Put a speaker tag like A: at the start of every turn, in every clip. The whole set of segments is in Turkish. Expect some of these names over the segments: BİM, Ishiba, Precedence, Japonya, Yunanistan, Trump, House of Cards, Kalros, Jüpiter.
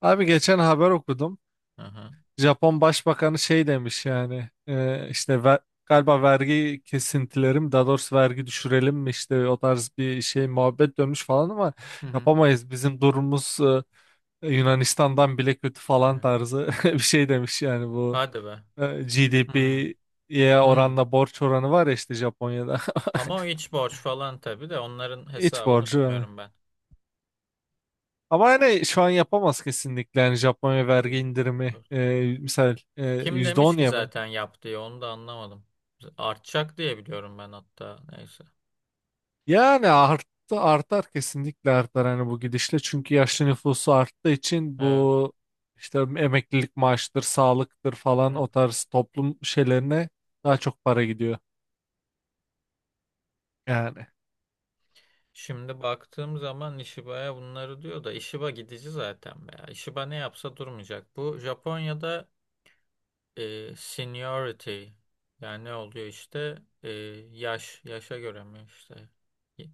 A: Abi geçen haber okudum.
B: Aha.
A: Japon Başbakanı şey demiş yani, işte galiba vergi kesintileri mi daha doğrusu vergi düşürelim mi işte o tarz bir şey muhabbet dönmüş falan ama
B: Hı hı.
A: yapamayız. Bizim durumumuz Yunanistan'dan bile kötü falan
B: Evet.
A: tarzı bir şey demiş yani bu
B: Hadi be. Hı.
A: GDP'ye
B: Hı.
A: oranla borç oranı var ya işte Japonya'da
B: Ama o iç borç falan tabii de onların
A: iç
B: hesabını
A: borcu. Yani.
B: bilmiyorum ben.
A: Ama yani şu an yapamaz kesinlikle yani Japonya vergi
B: 200
A: indirimi
B: dur.
A: misal
B: Kim
A: yüzde
B: demiş
A: on
B: ki
A: ya be.
B: zaten yap diye onu da anlamadım. Artacak diye biliyorum ben hatta. Neyse.
A: Yani arttı artar kesinlikle artar hani bu gidişle çünkü yaşlı nüfusu arttığı için
B: Evet.
A: bu işte emeklilik maaştır, sağlıktır falan
B: Evet.
A: o tarz toplum şeylerine daha çok para gidiyor yani.
B: Şimdi baktığım zaman Ishiba'ya bunları diyor da Ishiba gidici zaten be ya. Ishiba ne yapsa durmayacak. Bu Japonya'da seniority yani ne oluyor işte, E, yaş yaşa göre mi işte, Y-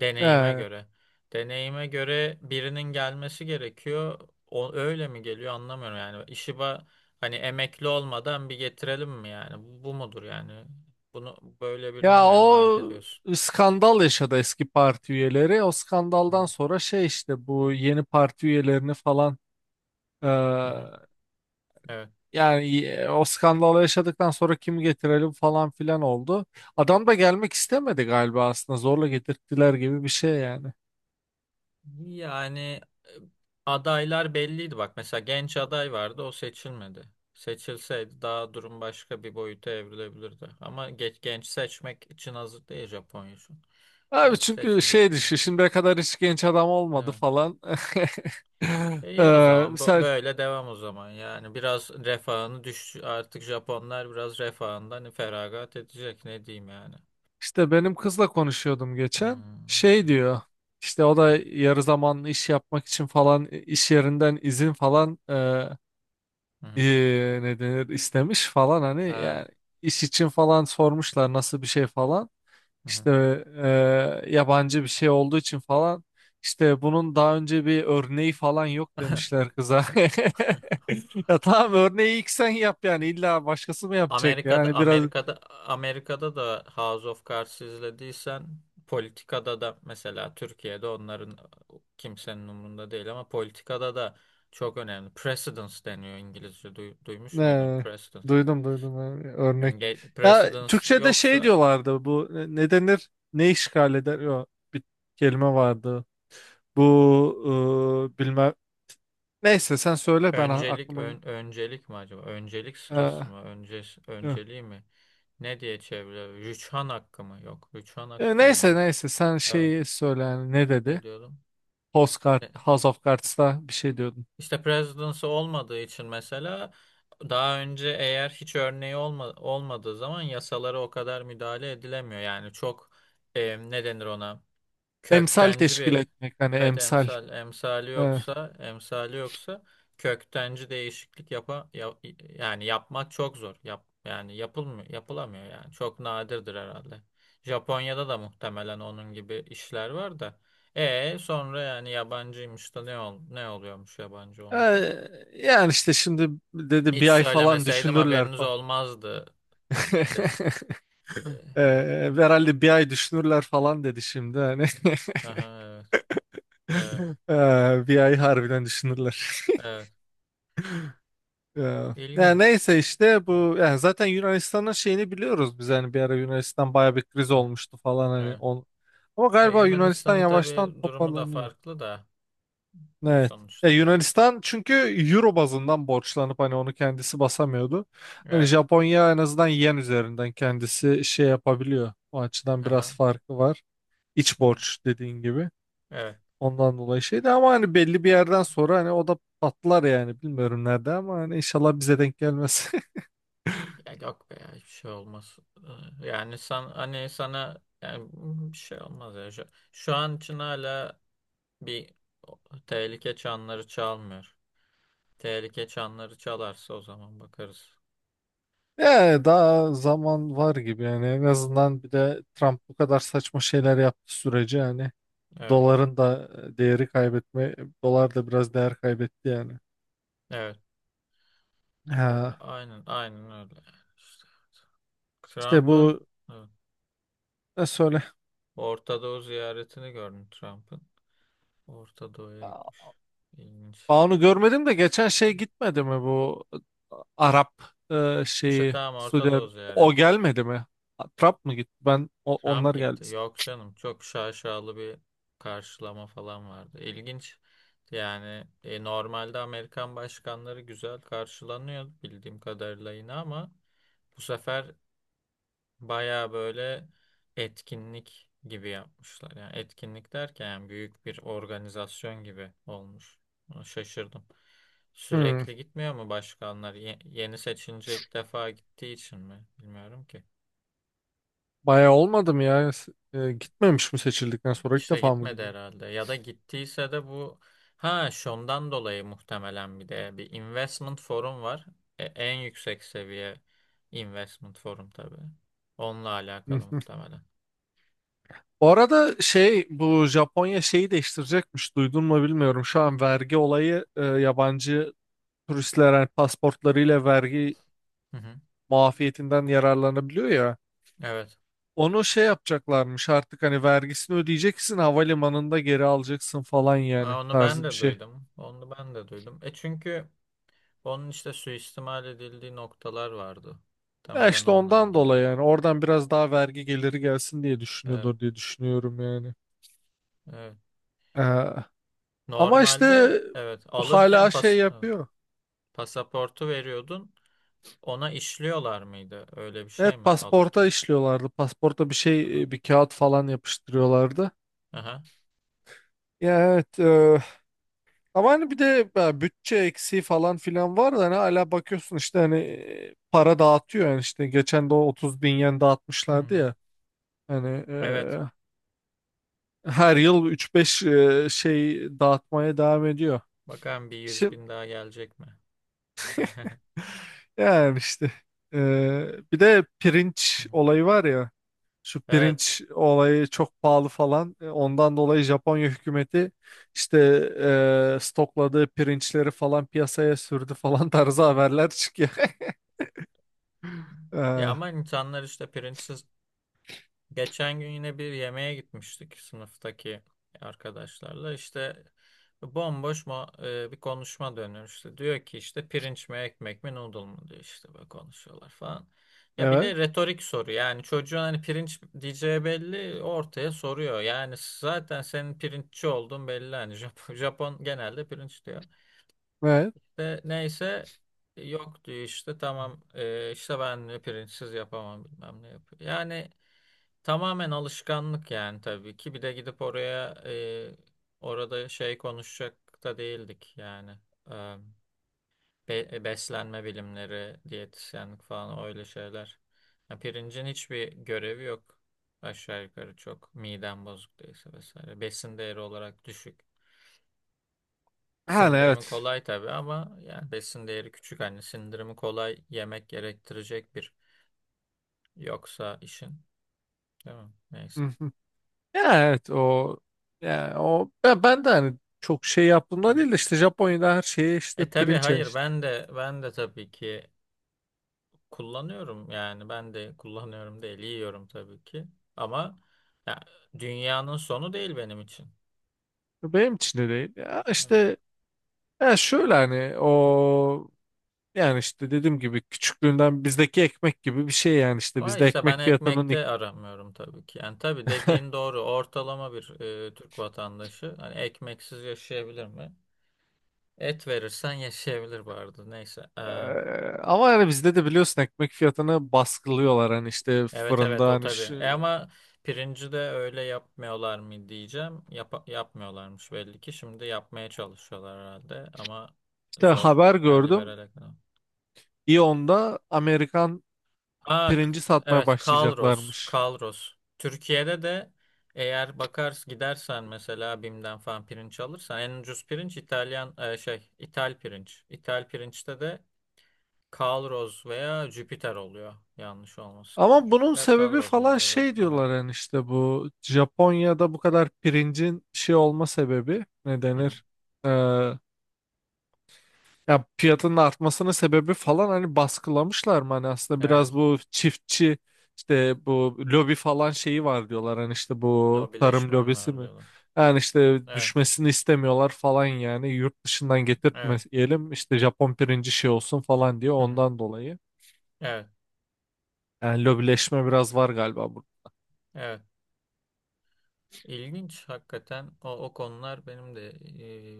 B: deneyime
A: Ee,
B: göre, deneyime göre, birinin gelmesi gerekiyor. O öyle mi geliyor anlamıyorum, yani işi ba hani emekli olmadan bir getirelim mi yani? Bu mudur yani, bunu böyle birine
A: Ya
B: mi emanet
A: o
B: ediyorsun?
A: skandal yaşadı eski parti üyeleri o
B: Hı
A: skandaldan sonra şey işte bu yeni parti üyelerini falan.
B: hı. Hı. Evet.
A: Yani, o skandalı yaşadıktan sonra kim getirelim falan filan oldu. Adam da gelmek istemedi galiba aslında zorla getirttiler gibi bir şey yani.
B: Yani e, adaylar belliydi bak. Mesela genç aday vardı, o seçilmedi. Seçilseydi daha durum başka bir boyuta evrilebilirdi. Ama genç seçmek için hazır değil Japonya şu an.
A: Abi
B: Genç
A: çünkü
B: seçmeyecek
A: şey düşün
B: demek ki.
A: şimdiye kadar hiç genç adam olmadı
B: Evet.
A: falan.
B: İyi o zaman.
A: Misal
B: Böyle devam o zaman. Yani biraz refahını düş, artık Japonlar biraz refahından feragat edecek. Ne diyeyim yani.
A: işte benim kızla konuşuyordum
B: Hmm.
A: geçen.
B: Hı hı.
A: Şey diyor işte o da yarı zamanlı iş yapmak için falan, iş yerinden izin falan,
B: Hı hı.
A: ne denir, istemiş falan hani yani
B: Evet.
A: iş için falan sormuşlar nasıl bir şey falan.
B: Hı hı.
A: İşte yabancı bir şey olduğu için falan işte bunun daha önce bir örneği falan yok demişler kıza. Ya tamam örneği ilk sen yap yani illa başkası mı yapacak
B: Amerika'da
A: yani biraz.
B: Amerika'da Amerika'da da, House of Cards izlediysen, politikada da, mesela Türkiye'de onların kimsenin umurunda değil ama politikada da çok önemli. Precedence deniyor İngilizce. Duymuş muydun?
A: e,
B: Precedence.
A: Duydum duydum. Örnek. Ya
B: Precedence
A: Türkçe'de şey
B: yoksa
A: diyorlardı bu, ne denir, ne işgal eder, yok bir kelime vardı bu, bilmem, neyse sen söyle ben
B: öncelik...
A: aklıma,
B: öncelik mi acaba? Öncelik
A: e,
B: sırası mı?
A: yok.
B: Önceliği mi? Ne diye çeviriyor? Rüçhan hakkı mı? Yok. Rüçhan hakkı ne ya?
A: Neyse neyse sen
B: Evet.
A: şeyi söyle yani, ne
B: Ne
A: dedi?
B: diyordum?
A: House of Cards'ta bir şey diyordum.
B: İşte presidency olmadığı için mesela, daha önce eğer hiç örneği olmadığı zaman yasalara o kadar müdahale edilemiyor. Yani çok, ne denir ona?
A: Emsal
B: Köktenci
A: teşkil
B: bir...
A: etmek, hani
B: evet,
A: emsal.
B: emsal. emsali
A: Ee,
B: yoksa emsali yoksa köktenci değişiklik yani yapmak çok zor. Yani yapılmıyor, yapılamıyor yani. Çok nadirdir herhalde. Japonya'da da muhtemelen onun gibi işler var da. E sonra, yani yabancıymış da ne oluyormuş yabancı
A: e,
B: olunca?
A: Yani işte şimdi dedi
B: Hiç
A: bir ay falan
B: söylemeseydim
A: düşünürler
B: haberiniz
A: falan.
B: olmazdı. Biz. Ee,
A: Ee, Herhalde bir ay düşünürler falan dedi şimdi hani.
B: Aha, evet, evet,
A: Bir ay harbiden düşünürler.
B: evet.
A: Ee, Yani
B: İlginç.
A: neyse işte
B: Evet.
A: bu yani zaten Yunanistan'ın şeyini biliyoruz biz hani bir ara Yunanistan baya bir kriz
B: Hı hı,
A: olmuştu falan hani
B: evet.
A: on. Ama
B: Ya
A: galiba Yunanistan
B: Yunanistan'ın
A: yavaştan
B: tabii durumu da
A: toparlanıyor.
B: farklı da. Ya
A: Evet. Ya
B: sonuçta evet.
A: Yunanistan çünkü euro bazından borçlanıp hani onu kendisi basamıyordu. Hani
B: Evet.
A: Japonya en azından yen üzerinden kendisi şey yapabiliyor. O açıdan biraz
B: Aha.
A: farkı var. İç
B: Hı hı,
A: borç, dediğin gibi.
B: evet.
A: Ondan dolayı şeydi ama hani belli bir yerden sonra hani o da patlar yani, bilmiyorum nerede ama hani inşallah bize denk gelmez.
B: Ya yok be ya, hiçbir şey olmaz. Yani sen hani sana yani bir şey olmaz ya. Şu an için hala bir tehlike çanları çalmıyor. Tehlike çanları çalarsa o zaman bakarız.
A: Yani daha zaman var gibi yani, en azından bir de Trump bu kadar saçma şeyler yaptığı sürece hani
B: Evet.
A: doların da değeri kaybetme, dolar da biraz değer kaybetti yani.
B: Evet.
A: Ha,
B: Aynen, aynen öyle. İşte,
A: işte
B: Trump'ın,
A: bu
B: evet,
A: ne söyle?
B: Orta Doğu ziyaretini gördüm Trump'ın. Orta Doğu'ya
A: Aa,
B: gitmiş. İlginç.
A: onu görmedim de geçen şey gitmedi mi bu Arap,
B: İşte
A: şeyi,
B: tamam, Orta Doğu
A: O
B: ziyareti.
A: gelmedi mi? Trump mı gitti? Ben
B: Trump
A: onlar geldi.
B: gitti. Yok canım, çok şaşalı bir karşılama falan vardı. İlginç. Normalde Amerikan başkanları güzel karşılanıyor bildiğim kadarıyla yine, ama bu sefer baya böyle etkinlik gibi yapmışlar. Yani etkinlik derken, yani büyük bir organizasyon gibi olmuş. Ona şaşırdım.
A: Hmm,
B: Sürekli gitmiyor mu başkanlar? Yeni seçince ilk defa gittiği için mi? Bilmiyorum ki.
A: bayağı olmadı mı ya? Gitmemiş mi seçildikten sonra, ilk
B: İşte
A: defa mı
B: gitmedi
A: gidiyorum?
B: herhalde. Ya da gittiyse de bu, ha şundan dolayı muhtemelen, bir de bir investment forum var. En yüksek seviye investment forum tabii. Onunla
A: Hı
B: alakalı
A: hı.
B: muhtemelen.
A: Bu arada şey, bu Japonya şeyi değiştirecekmiş, duydun mu bilmiyorum. Şu an vergi olayı, yabancı turistler yani pasportlarıyla vergi
B: Hı hı.
A: muafiyetinden yararlanabiliyor ya.
B: Evet.
A: Onu şey yapacaklarmış artık, hani vergisini ödeyeceksin havalimanında geri alacaksın falan yani
B: Aa, onu ben
A: tarzı bir
B: de
A: şey.
B: duydum. Onu ben de duydum. E çünkü onun işte suistimal edildiği noktalar vardı.
A: Ya
B: Temelen
A: işte
B: onunla
A: ondan
B: ilgili.
A: dolayı yani oradan biraz daha vergi geliri gelsin diye
B: Evet,
A: düşünüyordur diye düşünüyorum yani.
B: evet.
A: Ee, Ama
B: Normalde
A: işte
B: evet, alırken
A: hala şey
B: pas, evet,
A: yapıyor.
B: pasaportu veriyordun. Ona işliyorlar mıydı? Öyle bir şey
A: Evet,
B: mi
A: pasporta
B: alırken?
A: işliyorlardı. Pasporta bir
B: Aha.
A: şey, bir kağıt falan yapıştırıyorlardı.
B: Aha.
A: Ya evet. Ama hani bir de bütçe eksiği falan filan var da hani hala bakıyorsun işte hani para dağıtıyor yani, işte geçen de o 30 bin yen dağıtmışlardı
B: Hı-hı.
A: ya hani,
B: Evet.
A: her yıl üç beş şey dağıtmaya devam ediyor.
B: Bakalım bir yüz
A: Şimdi
B: bin daha gelecek mi? Hı
A: yani işte e, bir de
B: hı.
A: pirinç olayı var ya, şu
B: Evet.
A: pirinç olayı çok pahalı falan. Ondan dolayı Japonya hükümeti işte stokladığı pirinçleri falan piyasaya sürdü falan tarzı haberler çıkıyor.
B: Ya
A: E,
B: ama insanlar işte printsiz. Geçen gün yine bir yemeğe gitmiştik sınıftaki arkadaşlarla. İşte bomboş mu bir konuşma dönüyor işte. Diyor ki işte, pirinç mi, ekmek mi, noodle mu diyor, işte böyle konuşuyorlar falan. Ya bir
A: Evet.
B: de retorik soru, yani çocuğun hani pirinç diyeceği belli, ortaya soruyor. Yani zaten senin pirinççi olduğun belli hani, Japon, Japon genelde pirinç diyor.
A: Evet.
B: De, neyse, yok diyor, işte tamam, işte ben diyor pirinçsiz yapamam bilmem ne yapıyor. Yani tamamen alışkanlık, yani tabii ki. Bir de gidip oraya, orada şey konuşacak da değildik yani. E, Beslenme bilimleri, diyetisyenlik falan, öyle şeyler. Ya pirincin hiçbir görevi yok. Aşağı yukarı çok. Miden bozuk değilse vesaire. Besin değeri olarak düşük.
A: Yani
B: Sindirimi
A: evet.
B: kolay tabii ama yani besin değeri küçük. Hani sindirimi kolay yemek gerektirecek bir yoksa işin. Değil mi?
A: Hı
B: Neyse.
A: hı. Ya evet o ya o ben de hani çok şey yaptığımda değil de işte Japonya'da her şeye işte
B: E tabii,
A: pirinç yani
B: hayır,
A: işte.
B: ben de tabii ki kullanıyorum, yani ben de kullanıyorum değil, yiyorum tabii ki, ama ya, dünyanın sonu değil benim için.
A: Benim için de değil. Ya
B: Evet.
A: işte ya şöyle hani o yani işte dediğim gibi küçüklüğünden bizdeki ekmek gibi bir şey yani işte
B: Ama
A: bizde
B: işte ben
A: ekmek fiyatının.
B: ekmekte aramıyorum tabii ki. Yani tabii dediğin doğru, ortalama bir, Türk vatandaşı hani ekmeksiz yaşayabilir mi? Et verirsen yaşayabilir bu arada, neyse.
A: Ama yani bizde de biliyorsun ekmek fiyatını baskılıyorlar hani, işte
B: Evet evet
A: fırında
B: o
A: hani
B: tabii.
A: şu,
B: E ama pirinci de öyle yapmıyorlar mı diyeceğim. Yapmıyorlarmış belli ki. Şimdi yapmaya çalışıyorlar herhalde ama
A: işte
B: zor.
A: haber
B: Yani
A: gördüm
B: liberal ekonomi.
A: İyon'da Amerikan
B: Aa,
A: pirinci satmaya
B: evet, Kalros.
A: başlayacaklarmış.
B: Kalros. Türkiye'de de eğer bakar gidersen mesela BİM'den falan pirinç alırsan, en ucuz pirinç İtalyan, İtal pirinç. İtal pirinçte de Kalros veya Jüpiter oluyor, yanlış olmasın.
A: Ama bunun
B: Jüpiter
A: sebebi
B: Kalros mu
A: falan
B: oluyor
A: şey
B: Amerika?
A: diyorlar yani, işte bu Japonya'da bu kadar pirincin şey olma sebebi ne
B: Hı hı.
A: denir? Ee, Ya fiyatının artmasının sebebi falan, hani baskılamışlar mı? Hani aslında biraz
B: Evet.
A: bu çiftçi işte bu lobi falan şeyi var diyorlar, hani işte bu tarım
B: Lobileşme mi
A: lobisi
B: var
A: mi?
B: diyorlar.
A: Yani işte
B: Evet,
A: düşmesini istemiyorlar falan yani, yurt dışından
B: evet.
A: getirtmeyelim işte Japon pirinci şey olsun falan diye,
B: Hı hı.
A: ondan dolayı.
B: Evet,
A: Yani lobileşme biraz var galiba burada.
B: evet. İlginç hakikaten, o konular benim de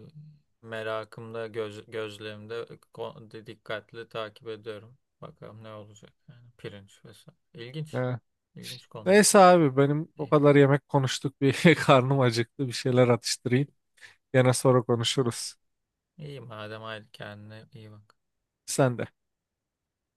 B: e, merakımda, gözlerimde, dikkatli takip ediyorum. Bakalım ne olacak yani, pirinç vesaire. İlginç,
A: Evet.
B: ilginç konular.
A: Neyse abi benim, o
B: İyi,
A: kadar yemek konuştuk bir karnım acıktı, bir şeyler atıştırayım. Gene sonra konuşuruz.
B: iyi madem, hadi kendine iyi bak.
A: Sen de.